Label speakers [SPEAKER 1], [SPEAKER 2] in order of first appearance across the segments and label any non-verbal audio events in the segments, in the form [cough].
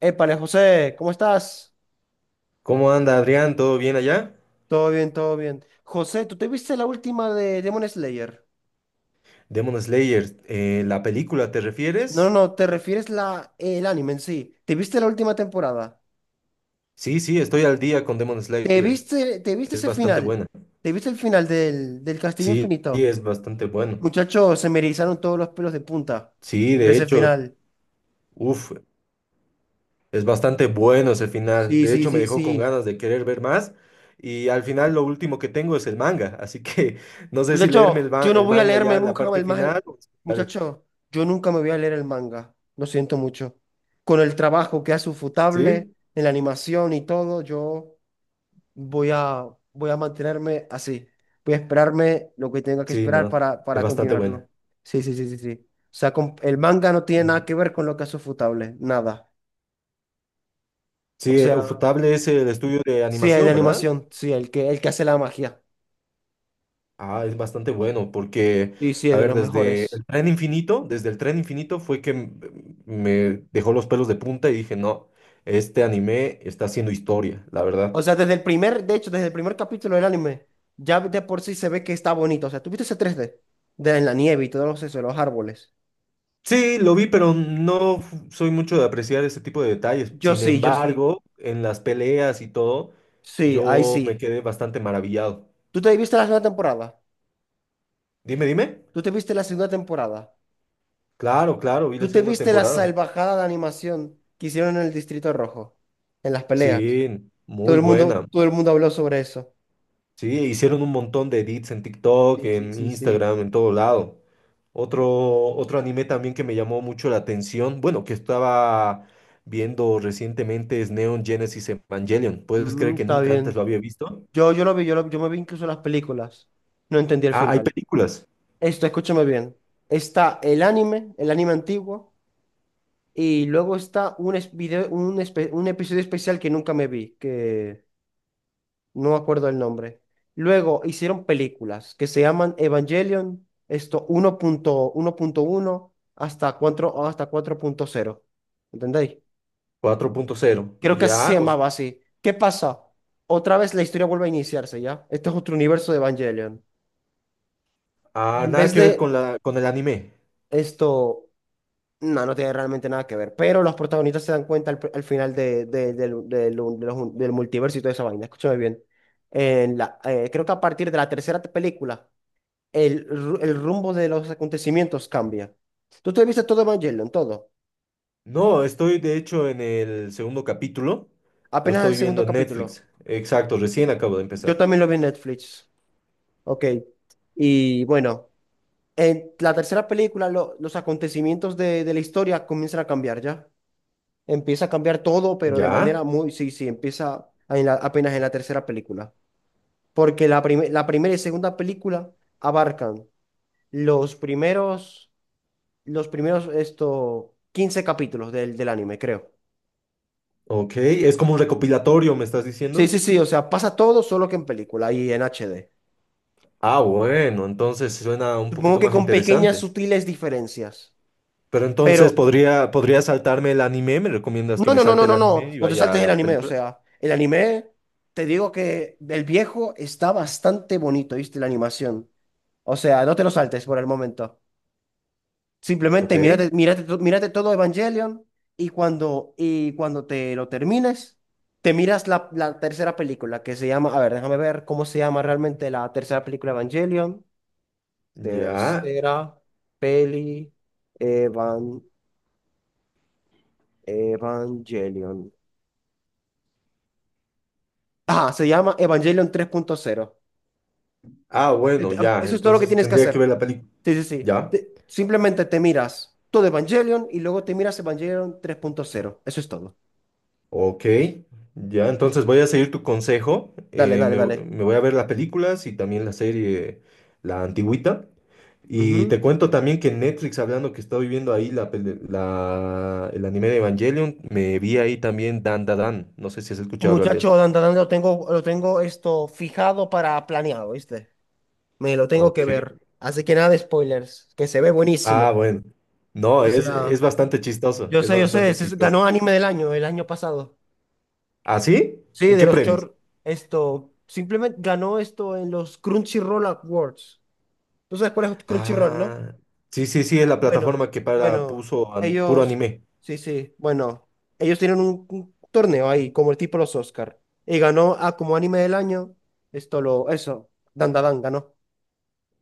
[SPEAKER 1] Épale, José, ¿cómo estás?
[SPEAKER 2] ¿Cómo anda Adrián? ¿Todo bien allá?
[SPEAKER 1] Todo bien, todo bien. José, ¿tú te viste la última de Demon Slayer?
[SPEAKER 2] Demon Slayer, ¿la película te
[SPEAKER 1] No,
[SPEAKER 2] refieres?
[SPEAKER 1] no, te refieres la, el anime en sí. ¿Te viste la última temporada?
[SPEAKER 2] Sí, sí, estoy al día con Demon
[SPEAKER 1] ¿Te
[SPEAKER 2] Slayer.
[SPEAKER 1] viste, te viste
[SPEAKER 2] Es
[SPEAKER 1] ese
[SPEAKER 2] bastante
[SPEAKER 1] final?
[SPEAKER 2] buena.
[SPEAKER 1] ¿Te viste el final del Castillo
[SPEAKER 2] Sí, sí,
[SPEAKER 1] Infinito?
[SPEAKER 2] es bastante bueno.
[SPEAKER 1] Muchachos, se me erizaron todos los pelos de punta
[SPEAKER 2] Sí,
[SPEAKER 1] al ver
[SPEAKER 2] de
[SPEAKER 1] ese
[SPEAKER 2] hecho,
[SPEAKER 1] final.
[SPEAKER 2] uff, es bastante bueno ese final.
[SPEAKER 1] Sí,
[SPEAKER 2] De
[SPEAKER 1] sí,
[SPEAKER 2] hecho, me
[SPEAKER 1] sí,
[SPEAKER 2] dejó con
[SPEAKER 1] sí.
[SPEAKER 2] ganas de querer ver más. Y al final lo último que tengo es el manga. Así que [laughs] no sé si leerme
[SPEAKER 1] Muchacho, yo no
[SPEAKER 2] el
[SPEAKER 1] voy a
[SPEAKER 2] manga
[SPEAKER 1] leerme
[SPEAKER 2] ya la
[SPEAKER 1] nunca
[SPEAKER 2] parte
[SPEAKER 1] el manga.
[SPEAKER 2] final, o esperar el-
[SPEAKER 1] Muchacho, yo nunca me voy a leer el manga. Lo siento mucho. Con el trabajo que hace Ufotable
[SPEAKER 2] Sí,
[SPEAKER 1] en la animación y todo, yo voy a, voy a mantenerme así. Voy a esperarme lo que tenga que
[SPEAKER 2] sí,
[SPEAKER 1] esperar
[SPEAKER 2] no.
[SPEAKER 1] para,
[SPEAKER 2] Es
[SPEAKER 1] para
[SPEAKER 2] bastante buena.
[SPEAKER 1] continuarlo. Sí, sí, sí, sí, sí. O sea, el manga no tiene nada que ver con lo que hace Ufotable. Nada. O
[SPEAKER 2] Sí,
[SPEAKER 1] sea,
[SPEAKER 2] Ufotable es el estudio de
[SPEAKER 1] sí, el de
[SPEAKER 2] animación, ¿verdad?
[SPEAKER 1] animación. Sí, el que hace la magia.
[SPEAKER 2] Ah, es bastante bueno porque,
[SPEAKER 1] Sí, sí, es
[SPEAKER 2] a
[SPEAKER 1] de
[SPEAKER 2] ver,
[SPEAKER 1] los mejores.
[SPEAKER 2] desde el tren infinito fue que me dejó los pelos de punta y dije, no, este anime está haciendo historia, la verdad.
[SPEAKER 1] O sea, desde el primer, de hecho, desde el primer capítulo del anime, ya de por sí se ve que está bonito. O sea, ¿tú viste ese 3D? De en la nieve y todos esos los árboles.
[SPEAKER 2] Sí, lo vi, pero no f- soy mucho de apreciar ese tipo de detalles.
[SPEAKER 1] Yo
[SPEAKER 2] Sin
[SPEAKER 1] sí, yo sí.
[SPEAKER 2] embargo, en las peleas y todo,
[SPEAKER 1] Sí, ahí
[SPEAKER 2] yo me
[SPEAKER 1] sí.
[SPEAKER 2] quedé bastante maravillado.
[SPEAKER 1] ¿Tú te viste la segunda temporada?
[SPEAKER 2] Dime, dime.
[SPEAKER 1] ¿Tú te viste la segunda temporada?
[SPEAKER 2] Claro, claro, vi la
[SPEAKER 1] ¿Tú te
[SPEAKER 2] segunda
[SPEAKER 1] viste la
[SPEAKER 2] temporada.
[SPEAKER 1] salvajada de animación que hicieron en el Distrito Rojo? En las peleas.
[SPEAKER 2] Sí,
[SPEAKER 1] Todo
[SPEAKER 2] muy
[SPEAKER 1] el mundo,
[SPEAKER 2] buena.
[SPEAKER 1] todo el mundo habló sobre eso.
[SPEAKER 2] Sí, hicieron un montón de edits en TikTok,
[SPEAKER 1] Sí, sí,
[SPEAKER 2] en
[SPEAKER 1] sí, sí.
[SPEAKER 2] Instagram, en todo lado. Otro anime también que me llamó mucho la atención, bueno, que estaba viendo recientemente es Neon Genesis Evangelion. ¿Puedes creer
[SPEAKER 1] Mm,
[SPEAKER 2] que
[SPEAKER 1] está
[SPEAKER 2] nunca antes
[SPEAKER 1] bien.
[SPEAKER 2] lo había visto?
[SPEAKER 1] Yo lo vi, yo, yo me vi incluso las películas. No entendí el
[SPEAKER 2] Ah, hay
[SPEAKER 1] final.
[SPEAKER 2] películas.
[SPEAKER 1] Esto, escúchame bien. Está el anime antiguo, y luego está un, es- video, un, espe- un episodio especial que nunca me vi, que no me acuerdo el nombre. Luego hicieron películas que se llaman Evangelion, esto uno uno punto uno punto uno hasta 4, o hasta 4.0. ¿Entendéis?
[SPEAKER 2] 4.0.
[SPEAKER 1] Creo que se
[SPEAKER 2] Ya, o s-
[SPEAKER 1] llamaba así. ¿Qué pasa? Otra vez la historia vuelve a iniciarse, ¿ya? Este es otro universo de Evangelion.
[SPEAKER 2] ah,
[SPEAKER 1] En
[SPEAKER 2] nada
[SPEAKER 1] vez
[SPEAKER 2] que
[SPEAKER 1] de
[SPEAKER 2] ver con la, con el anime.
[SPEAKER 1] esto. No, no tiene realmente nada que ver. Pero los protagonistas se dan cuenta al final del multiverso y toda esa vaina. Escúchame bien. En la, creo que a partir de la tercera película, el rumbo de los acontecimientos cambia. Tú te viste todo Evangelion, todo.
[SPEAKER 2] No, estoy de hecho en el segundo capítulo. Lo
[SPEAKER 1] Apenas el
[SPEAKER 2] estoy viendo
[SPEAKER 1] segundo
[SPEAKER 2] en
[SPEAKER 1] capítulo.
[SPEAKER 2] Netflix. Exacto, recién acabo de
[SPEAKER 1] Yo
[SPEAKER 2] empezar.
[SPEAKER 1] también lo vi en Netflix. Ok. Y bueno, en la tercera película, los acontecimientos de la historia comienzan a cambiar ya. Empieza a cambiar todo, pero de
[SPEAKER 2] Ya.
[SPEAKER 1] manera muy, sí, sí, empieza a- en la- apenas en la tercera película. Porque la primera y segunda película abarcan los primeros, 15 capítulos del anime, creo.
[SPEAKER 2] Ok, es como un recopilatorio, ¿me estás
[SPEAKER 1] Sí,
[SPEAKER 2] diciendo?
[SPEAKER 1] sí, sí, o sea, pasa todo solo que en película y en HD.
[SPEAKER 2] Ah, bueno, entonces suena un
[SPEAKER 1] Supongo
[SPEAKER 2] poquito
[SPEAKER 1] que
[SPEAKER 2] más
[SPEAKER 1] con pequeñas
[SPEAKER 2] interesante.
[SPEAKER 1] sutiles diferencias.
[SPEAKER 2] Pero
[SPEAKER 1] Pero,
[SPEAKER 2] entonces podría saltarme el anime, ¿me recomiendas
[SPEAKER 1] no,
[SPEAKER 2] que
[SPEAKER 1] no,
[SPEAKER 2] me
[SPEAKER 1] no, no,
[SPEAKER 2] salte el
[SPEAKER 1] no, no,
[SPEAKER 2] anime y
[SPEAKER 1] no te
[SPEAKER 2] vaya a
[SPEAKER 1] saltes el
[SPEAKER 2] la
[SPEAKER 1] anime, o
[SPEAKER 2] película?
[SPEAKER 1] sea, el anime, te digo que el viejo está bastante bonito, ¿viste? La animación. O sea, no te lo saltes por el momento.
[SPEAKER 2] Ok,
[SPEAKER 1] Simplemente mírate todo Evangelion y y cuando te lo termines, te miras la tercera película que se llama, a ver, déjame ver cómo se llama realmente la tercera película de Evangelion.
[SPEAKER 2] ya.
[SPEAKER 1] Tercera peli Evan, Evangelion. Ah, se llama Evangelion 3.0.
[SPEAKER 2] Ah, bueno, ya,
[SPEAKER 1] Eso es todo lo que
[SPEAKER 2] entonces
[SPEAKER 1] tienes que
[SPEAKER 2] tendría que
[SPEAKER 1] hacer.
[SPEAKER 2] ver la película.
[SPEAKER 1] Sí, sí, sí.
[SPEAKER 2] Ya.
[SPEAKER 1] Simplemente te miras todo Evangelion y luego te miras Evangelion 3.0. Eso es todo.
[SPEAKER 2] Ok, ya, entonces voy a seguir tu consejo.
[SPEAKER 1] Dale, dale, dale.
[SPEAKER 2] Me voy a ver las películas y también la serie, la antigüita. Y
[SPEAKER 1] Ujú.
[SPEAKER 2] te cuento también que en Netflix, hablando que estoy viendo ahí el anime de Evangelion, me vi ahí también Dan Da Dan. No sé si has escuchado hablar de
[SPEAKER 1] Muchacho,
[SPEAKER 2] él.
[SPEAKER 1] Dan, Dan, Dan, lo tengo esto fijado para planeado, ¿viste? Me lo tengo que
[SPEAKER 2] Ok.
[SPEAKER 1] ver. Así que nada de spoilers, que se ve
[SPEAKER 2] Ah,
[SPEAKER 1] buenísimo.
[SPEAKER 2] bueno. No,
[SPEAKER 1] O
[SPEAKER 2] es
[SPEAKER 1] sea,
[SPEAKER 2] bastante chistoso, es
[SPEAKER 1] yo sé,
[SPEAKER 2] bastante chistoso.
[SPEAKER 1] ganó anime del año, el año pasado.
[SPEAKER 2] ¿Ah, sí?
[SPEAKER 1] Sí,
[SPEAKER 2] ¿En
[SPEAKER 1] de
[SPEAKER 2] qué
[SPEAKER 1] los
[SPEAKER 2] premios?
[SPEAKER 1] short, esto, simplemente ganó esto en los Crunchyroll Awards. ¿Tú sabes cuál es Crunchyroll, no?
[SPEAKER 2] Ah, sí, sí, sí, es la
[SPEAKER 1] Bueno,
[SPEAKER 2] plataforma que para
[SPEAKER 1] bueno,
[SPEAKER 2] puro
[SPEAKER 1] ellos,
[SPEAKER 2] anime.
[SPEAKER 1] sí, sí, bueno, ellos tienen un torneo ahí, como el tipo los Oscar, y ganó a como anime del año, esto lo, eso, Dandadan ganó.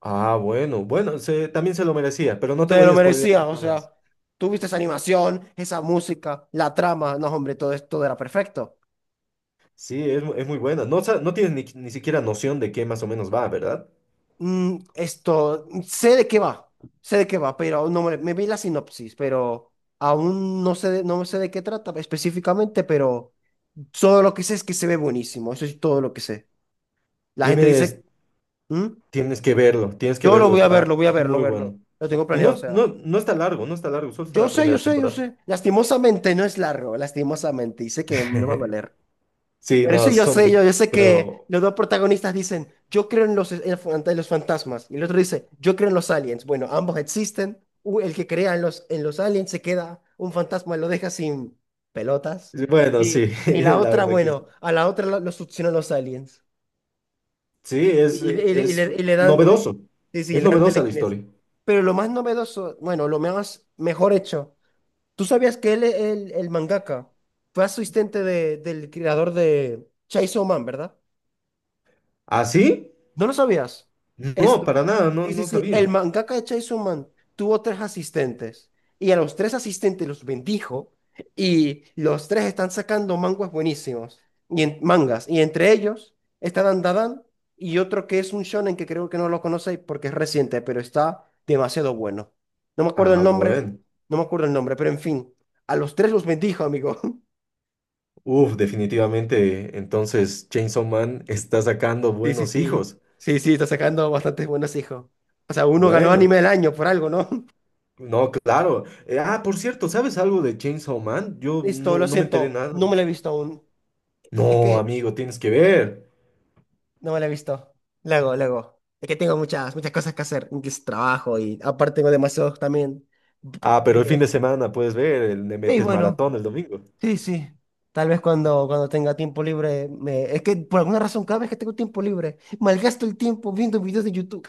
[SPEAKER 2] Ah, bueno, bueno, también se lo merecía, pero no te
[SPEAKER 1] Se
[SPEAKER 2] voy
[SPEAKER 1] lo
[SPEAKER 2] a spoilear
[SPEAKER 1] merecía, o
[SPEAKER 2] nada más.
[SPEAKER 1] sea, tú viste esa animación, esa música, la trama, no, hombre, todo esto todo era perfecto.
[SPEAKER 2] Sí, es muy buena. No, no tienes ni siquiera noción de qué más o menos va, ¿verdad?
[SPEAKER 1] Mm, esto, sé de qué va, pero no me, me vi la sinopsis, pero aún no sé, no sé de qué trata específicamente, pero todo lo que sé es que se ve buenísimo, eso es todo lo que sé. La gente
[SPEAKER 2] Tienes,
[SPEAKER 1] dice, "Mm,
[SPEAKER 2] tienes que
[SPEAKER 1] yo
[SPEAKER 2] verlo, está
[SPEAKER 1] lo voy a ver, lo
[SPEAKER 2] muy bueno.
[SPEAKER 1] verlo." Lo tengo
[SPEAKER 2] Y
[SPEAKER 1] planeado, o sea.
[SPEAKER 2] no está largo, no está largo, solo está
[SPEAKER 1] Yo
[SPEAKER 2] la
[SPEAKER 1] sé, yo
[SPEAKER 2] primera
[SPEAKER 1] sé, yo
[SPEAKER 2] temporada.
[SPEAKER 1] sé. Lastimosamente no es largo, lastimosamente. Y sé que me va a
[SPEAKER 2] [laughs]
[SPEAKER 1] doler.
[SPEAKER 2] Sí,
[SPEAKER 1] Pero eso
[SPEAKER 2] no,
[SPEAKER 1] yo sé,
[SPEAKER 2] son,
[SPEAKER 1] yo sé que
[SPEAKER 2] creo,
[SPEAKER 1] los dos protagonistas dicen, yo creo en los fantasmas. Y el otro dice, yo creo en los aliens. Bueno, ambos existen. El que crea en los aliens se queda, un fantasma lo deja sin pelotas.
[SPEAKER 2] bueno, sí,
[SPEAKER 1] Y
[SPEAKER 2] [laughs]
[SPEAKER 1] la
[SPEAKER 2] la
[SPEAKER 1] otra,
[SPEAKER 2] verdad que
[SPEAKER 1] bueno,
[SPEAKER 2] sí.
[SPEAKER 1] a la otra lo succionan los aliens.
[SPEAKER 2] Sí,
[SPEAKER 1] Y, le, y le- y
[SPEAKER 2] es
[SPEAKER 1] le- y le dan,
[SPEAKER 2] novedoso,
[SPEAKER 1] sí, sí,
[SPEAKER 2] es
[SPEAKER 1] le dan
[SPEAKER 2] novedosa la
[SPEAKER 1] telequinesis.
[SPEAKER 2] historia.
[SPEAKER 1] Pero lo más novedoso, bueno, lo más mejor hecho, ¿tú sabías que el mangaka fue asistente del creador de Chainsaw Man, ¿verdad?
[SPEAKER 2] ¿Ah, sí?
[SPEAKER 1] ¿No lo sabías?
[SPEAKER 2] No,
[SPEAKER 1] Esto.
[SPEAKER 2] para nada, no,
[SPEAKER 1] Sí, sí,
[SPEAKER 2] no
[SPEAKER 1] sí. El
[SPEAKER 2] sabía.
[SPEAKER 1] mangaka de Chainsaw Man tuvo tres asistentes y a los tres asistentes los bendijo y los tres están sacando manguas buenísimos y mangas y entre ellos está Dan Dadan y otro que es un shonen que creo que no lo conocéis porque es reciente, pero está demasiado bueno. No me acuerdo el
[SPEAKER 2] Ah,
[SPEAKER 1] nombre,
[SPEAKER 2] bueno.
[SPEAKER 1] no me acuerdo el nombre, pero en fin, a los tres los bendijo, amigo. [laughs]
[SPEAKER 2] Uf, definitivamente. Entonces, Chainsaw Man está sacando
[SPEAKER 1] Sí, sí,
[SPEAKER 2] buenos
[SPEAKER 1] sí.
[SPEAKER 2] hijos.
[SPEAKER 1] Sí, sí, está sacando bastantes buenos hijos. O sea, uno ganó anime
[SPEAKER 2] Bueno,
[SPEAKER 1] del año por algo, ¿no?
[SPEAKER 2] no, claro. Por cierto, ¿sabes algo de Chainsaw Man? Yo
[SPEAKER 1] Listo, lo
[SPEAKER 2] no me enteré
[SPEAKER 1] siento, no
[SPEAKER 2] nada.
[SPEAKER 1] me la he visto aún. Es
[SPEAKER 2] No,
[SPEAKER 1] que
[SPEAKER 2] amigo, tienes que ver.
[SPEAKER 1] no me la he visto. Luego, luego. Es que tengo muchas, muchas cosas que hacer, que es trabajo y aparte tengo demasiados también.
[SPEAKER 2] Ah, pero el fin de
[SPEAKER 1] Juegos.
[SPEAKER 2] semana puedes ver, el- le
[SPEAKER 1] Y
[SPEAKER 2] metes
[SPEAKER 1] bueno,
[SPEAKER 2] maratón el domingo.
[SPEAKER 1] sí, sí. Tal vez cuando tenga tiempo libre, me... es que por alguna razón cada vez que tengo tiempo libre, malgasto el tiempo viendo videos de YouTube.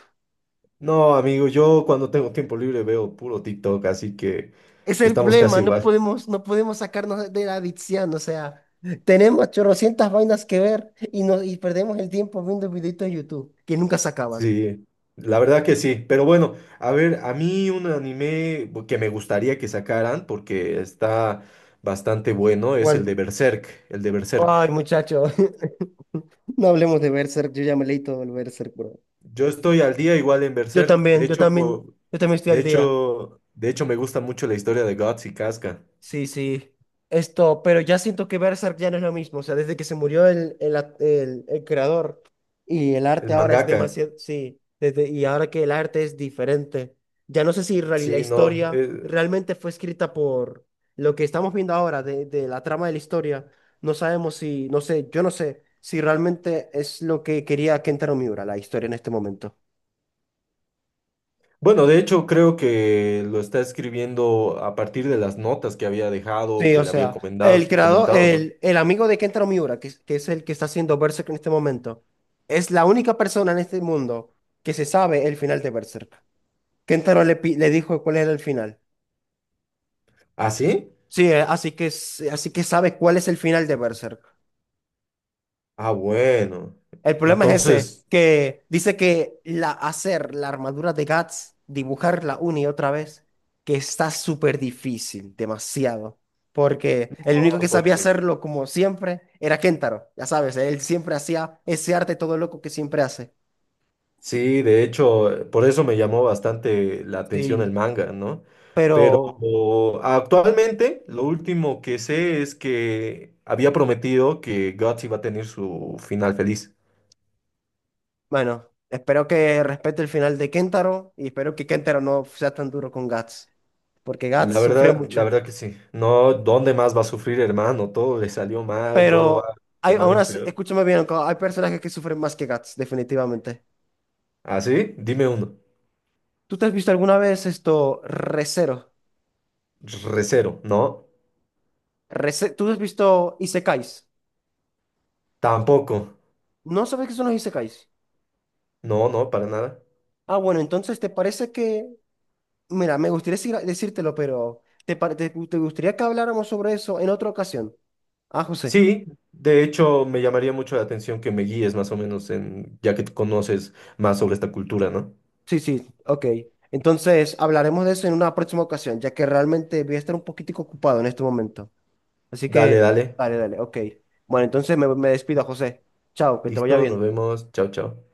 [SPEAKER 2] No, amigo, yo cuando tengo tiempo libre veo puro TikTok, así que
[SPEAKER 1] Ese es el
[SPEAKER 2] estamos
[SPEAKER 1] problema,
[SPEAKER 2] casi igual.
[SPEAKER 1] no podemos sacarnos de la adicción, o sea, tenemos chorrocientas vainas que ver y, no, y perdemos el tiempo viendo videitos de YouTube que nunca se acaban.
[SPEAKER 2] Sí, la verdad que sí, pero bueno, a ver, a mí un anime que me gustaría que sacaran porque está bastante bueno es el
[SPEAKER 1] ¿Cuál?
[SPEAKER 2] de Berserk, el de Berserk.
[SPEAKER 1] Ay, muchacho. [laughs] No hablemos de Berserk, yo ya me leí todo el Berserk, bro.
[SPEAKER 2] Yo estoy al día igual en
[SPEAKER 1] Yo
[SPEAKER 2] Berserk, de
[SPEAKER 1] también, yo
[SPEAKER 2] hecho,
[SPEAKER 1] también,
[SPEAKER 2] po-
[SPEAKER 1] yo también estoy al día.
[SPEAKER 2] de hecho me gusta mucho la historia de Guts y Casca,
[SPEAKER 1] Sí, sí. Esto, pero ya siento que Berserk ya no es lo mismo. O sea, desde que se murió el creador y el
[SPEAKER 2] el
[SPEAKER 1] arte ahora es
[SPEAKER 2] mangaka.
[SPEAKER 1] demasiado. Sí, desde, y ahora que el arte es diferente. Ya no sé si la
[SPEAKER 2] Sí, no,
[SPEAKER 1] historia realmente fue escrita por lo que estamos viendo ahora de la trama de la historia. No sabemos si, no sé, yo no sé si realmente es lo que quería Kentaro Miura, la historia en este momento.
[SPEAKER 2] bueno, de hecho creo que lo está escribiendo a partir de las notas que había dejado,
[SPEAKER 1] Sí,
[SPEAKER 2] que
[SPEAKER 1] o
[SPEAKER 2] le había
[SPEAKER 1] sea, el creador,
[SPEAKER 2] comentado, ¿no?
[SPEAKER 1] el amigo de Kentaro Miura, que, que es el que está haciendo Berserk en este momento, es la única persona en este mundo que se sabe el final de Berserk. Kentaro le dijo cuál era el final.
[SPEAKER 2] ¿Ah, sí?
[SPEAKER 1] Sí, así que, así que sabe cuál es el final de Berserk.
[SPEAKER 2] Ah, bueno.
[SPEAKER 1] El problema es ese,
[SPEAKER 2] Entonces,
[SPEAKER 1] que dice que la, hacer la armadura de Guts, dibujarla una y otra vez, que está súper difícil, demasiado. Porque el único
[SPEAKER 2] no,
[SPEAKER 1] que sabía hacerlo como siempre era Kentaro, ya sabes, él siempre hacía ese arte todo loco que siempre hace.
[SPEAKER 2] sí, de hecho, por eso me llamó bastante la atención el
[SPEAKER 1] Sí.
[SPEAKER 2] manga, ¿no? Pero
[SPEAKER 1] Pero
[SPEAKER 2] actualmente lo último que sé es que había prometido que Guts iba a tener su final feliz.
[SPEAKER 1] bueno, espero que respete el final de Kentaro y espero que Kentaro no sea tan duro con Guts, porque Guts sufrió
[SPEAKER 2] La
[SPEAKER 1] mucho.
[SPEAKER 2] verdad que sí. No, ¿dónde más va a sufrir, hermano? Todo le salió mal, todo va
[SPEAKER 1] Pero hay,
[SPEAKER 2] de mal
[SPEAKER 1] aún
[SPEAKER 2] en
[SPEAKER 1] así,
[SPEAKER 2] peor.
[SPEAKER 1] escúchame bien, hay personajes que sufren más que Guts, definitivamente.
[SPEAKER 2] ¿Ah, sí? Dime uno.
[SPEAKER 1] ¿Tú te has visto alguna vez esto, Re:Zero?
[SPEAKER 2] Recero, ¿no?
[SPEAKER 1] ¿Tú has visto Isekais?
[SPEAKER 2] Tampoco.
[SPEAKER 1] ¿No sabes qué son los Isekais?
[SPEAKER 2] No, no, para nada.
[SPEAKER 1] Ah, bueno, entonces te parece que, mira, me gustaría decírtelo, pero te gustaría que habláramos sobre eso en otra ocasión? Ah, José.
[SPEAKER 2] Sí, de hecho me llamaría mucho la atención que me guíes más o menos en, ya que tú conoces más sobre esta cultura, ¿no?
[SPEAKER 1] Sí, sí, ok. Entonces hablaremos de eso en una próxima ocasión, ya que realmente voy a estar un poquitico ocupado en este momento. Así
[SPEAKER 2] Dale,
[SPEAKER 1] que,
[SPEAKER 2] dale.
[SPEAKER 1] dale, dale, ok. Bueno, entonces me despido, José. Chao, que te vaya
[SPEAKER 2] Listo, nos
[SPEAKER 1] bien.
[SPEAKER 2] vemos. Chao, chao.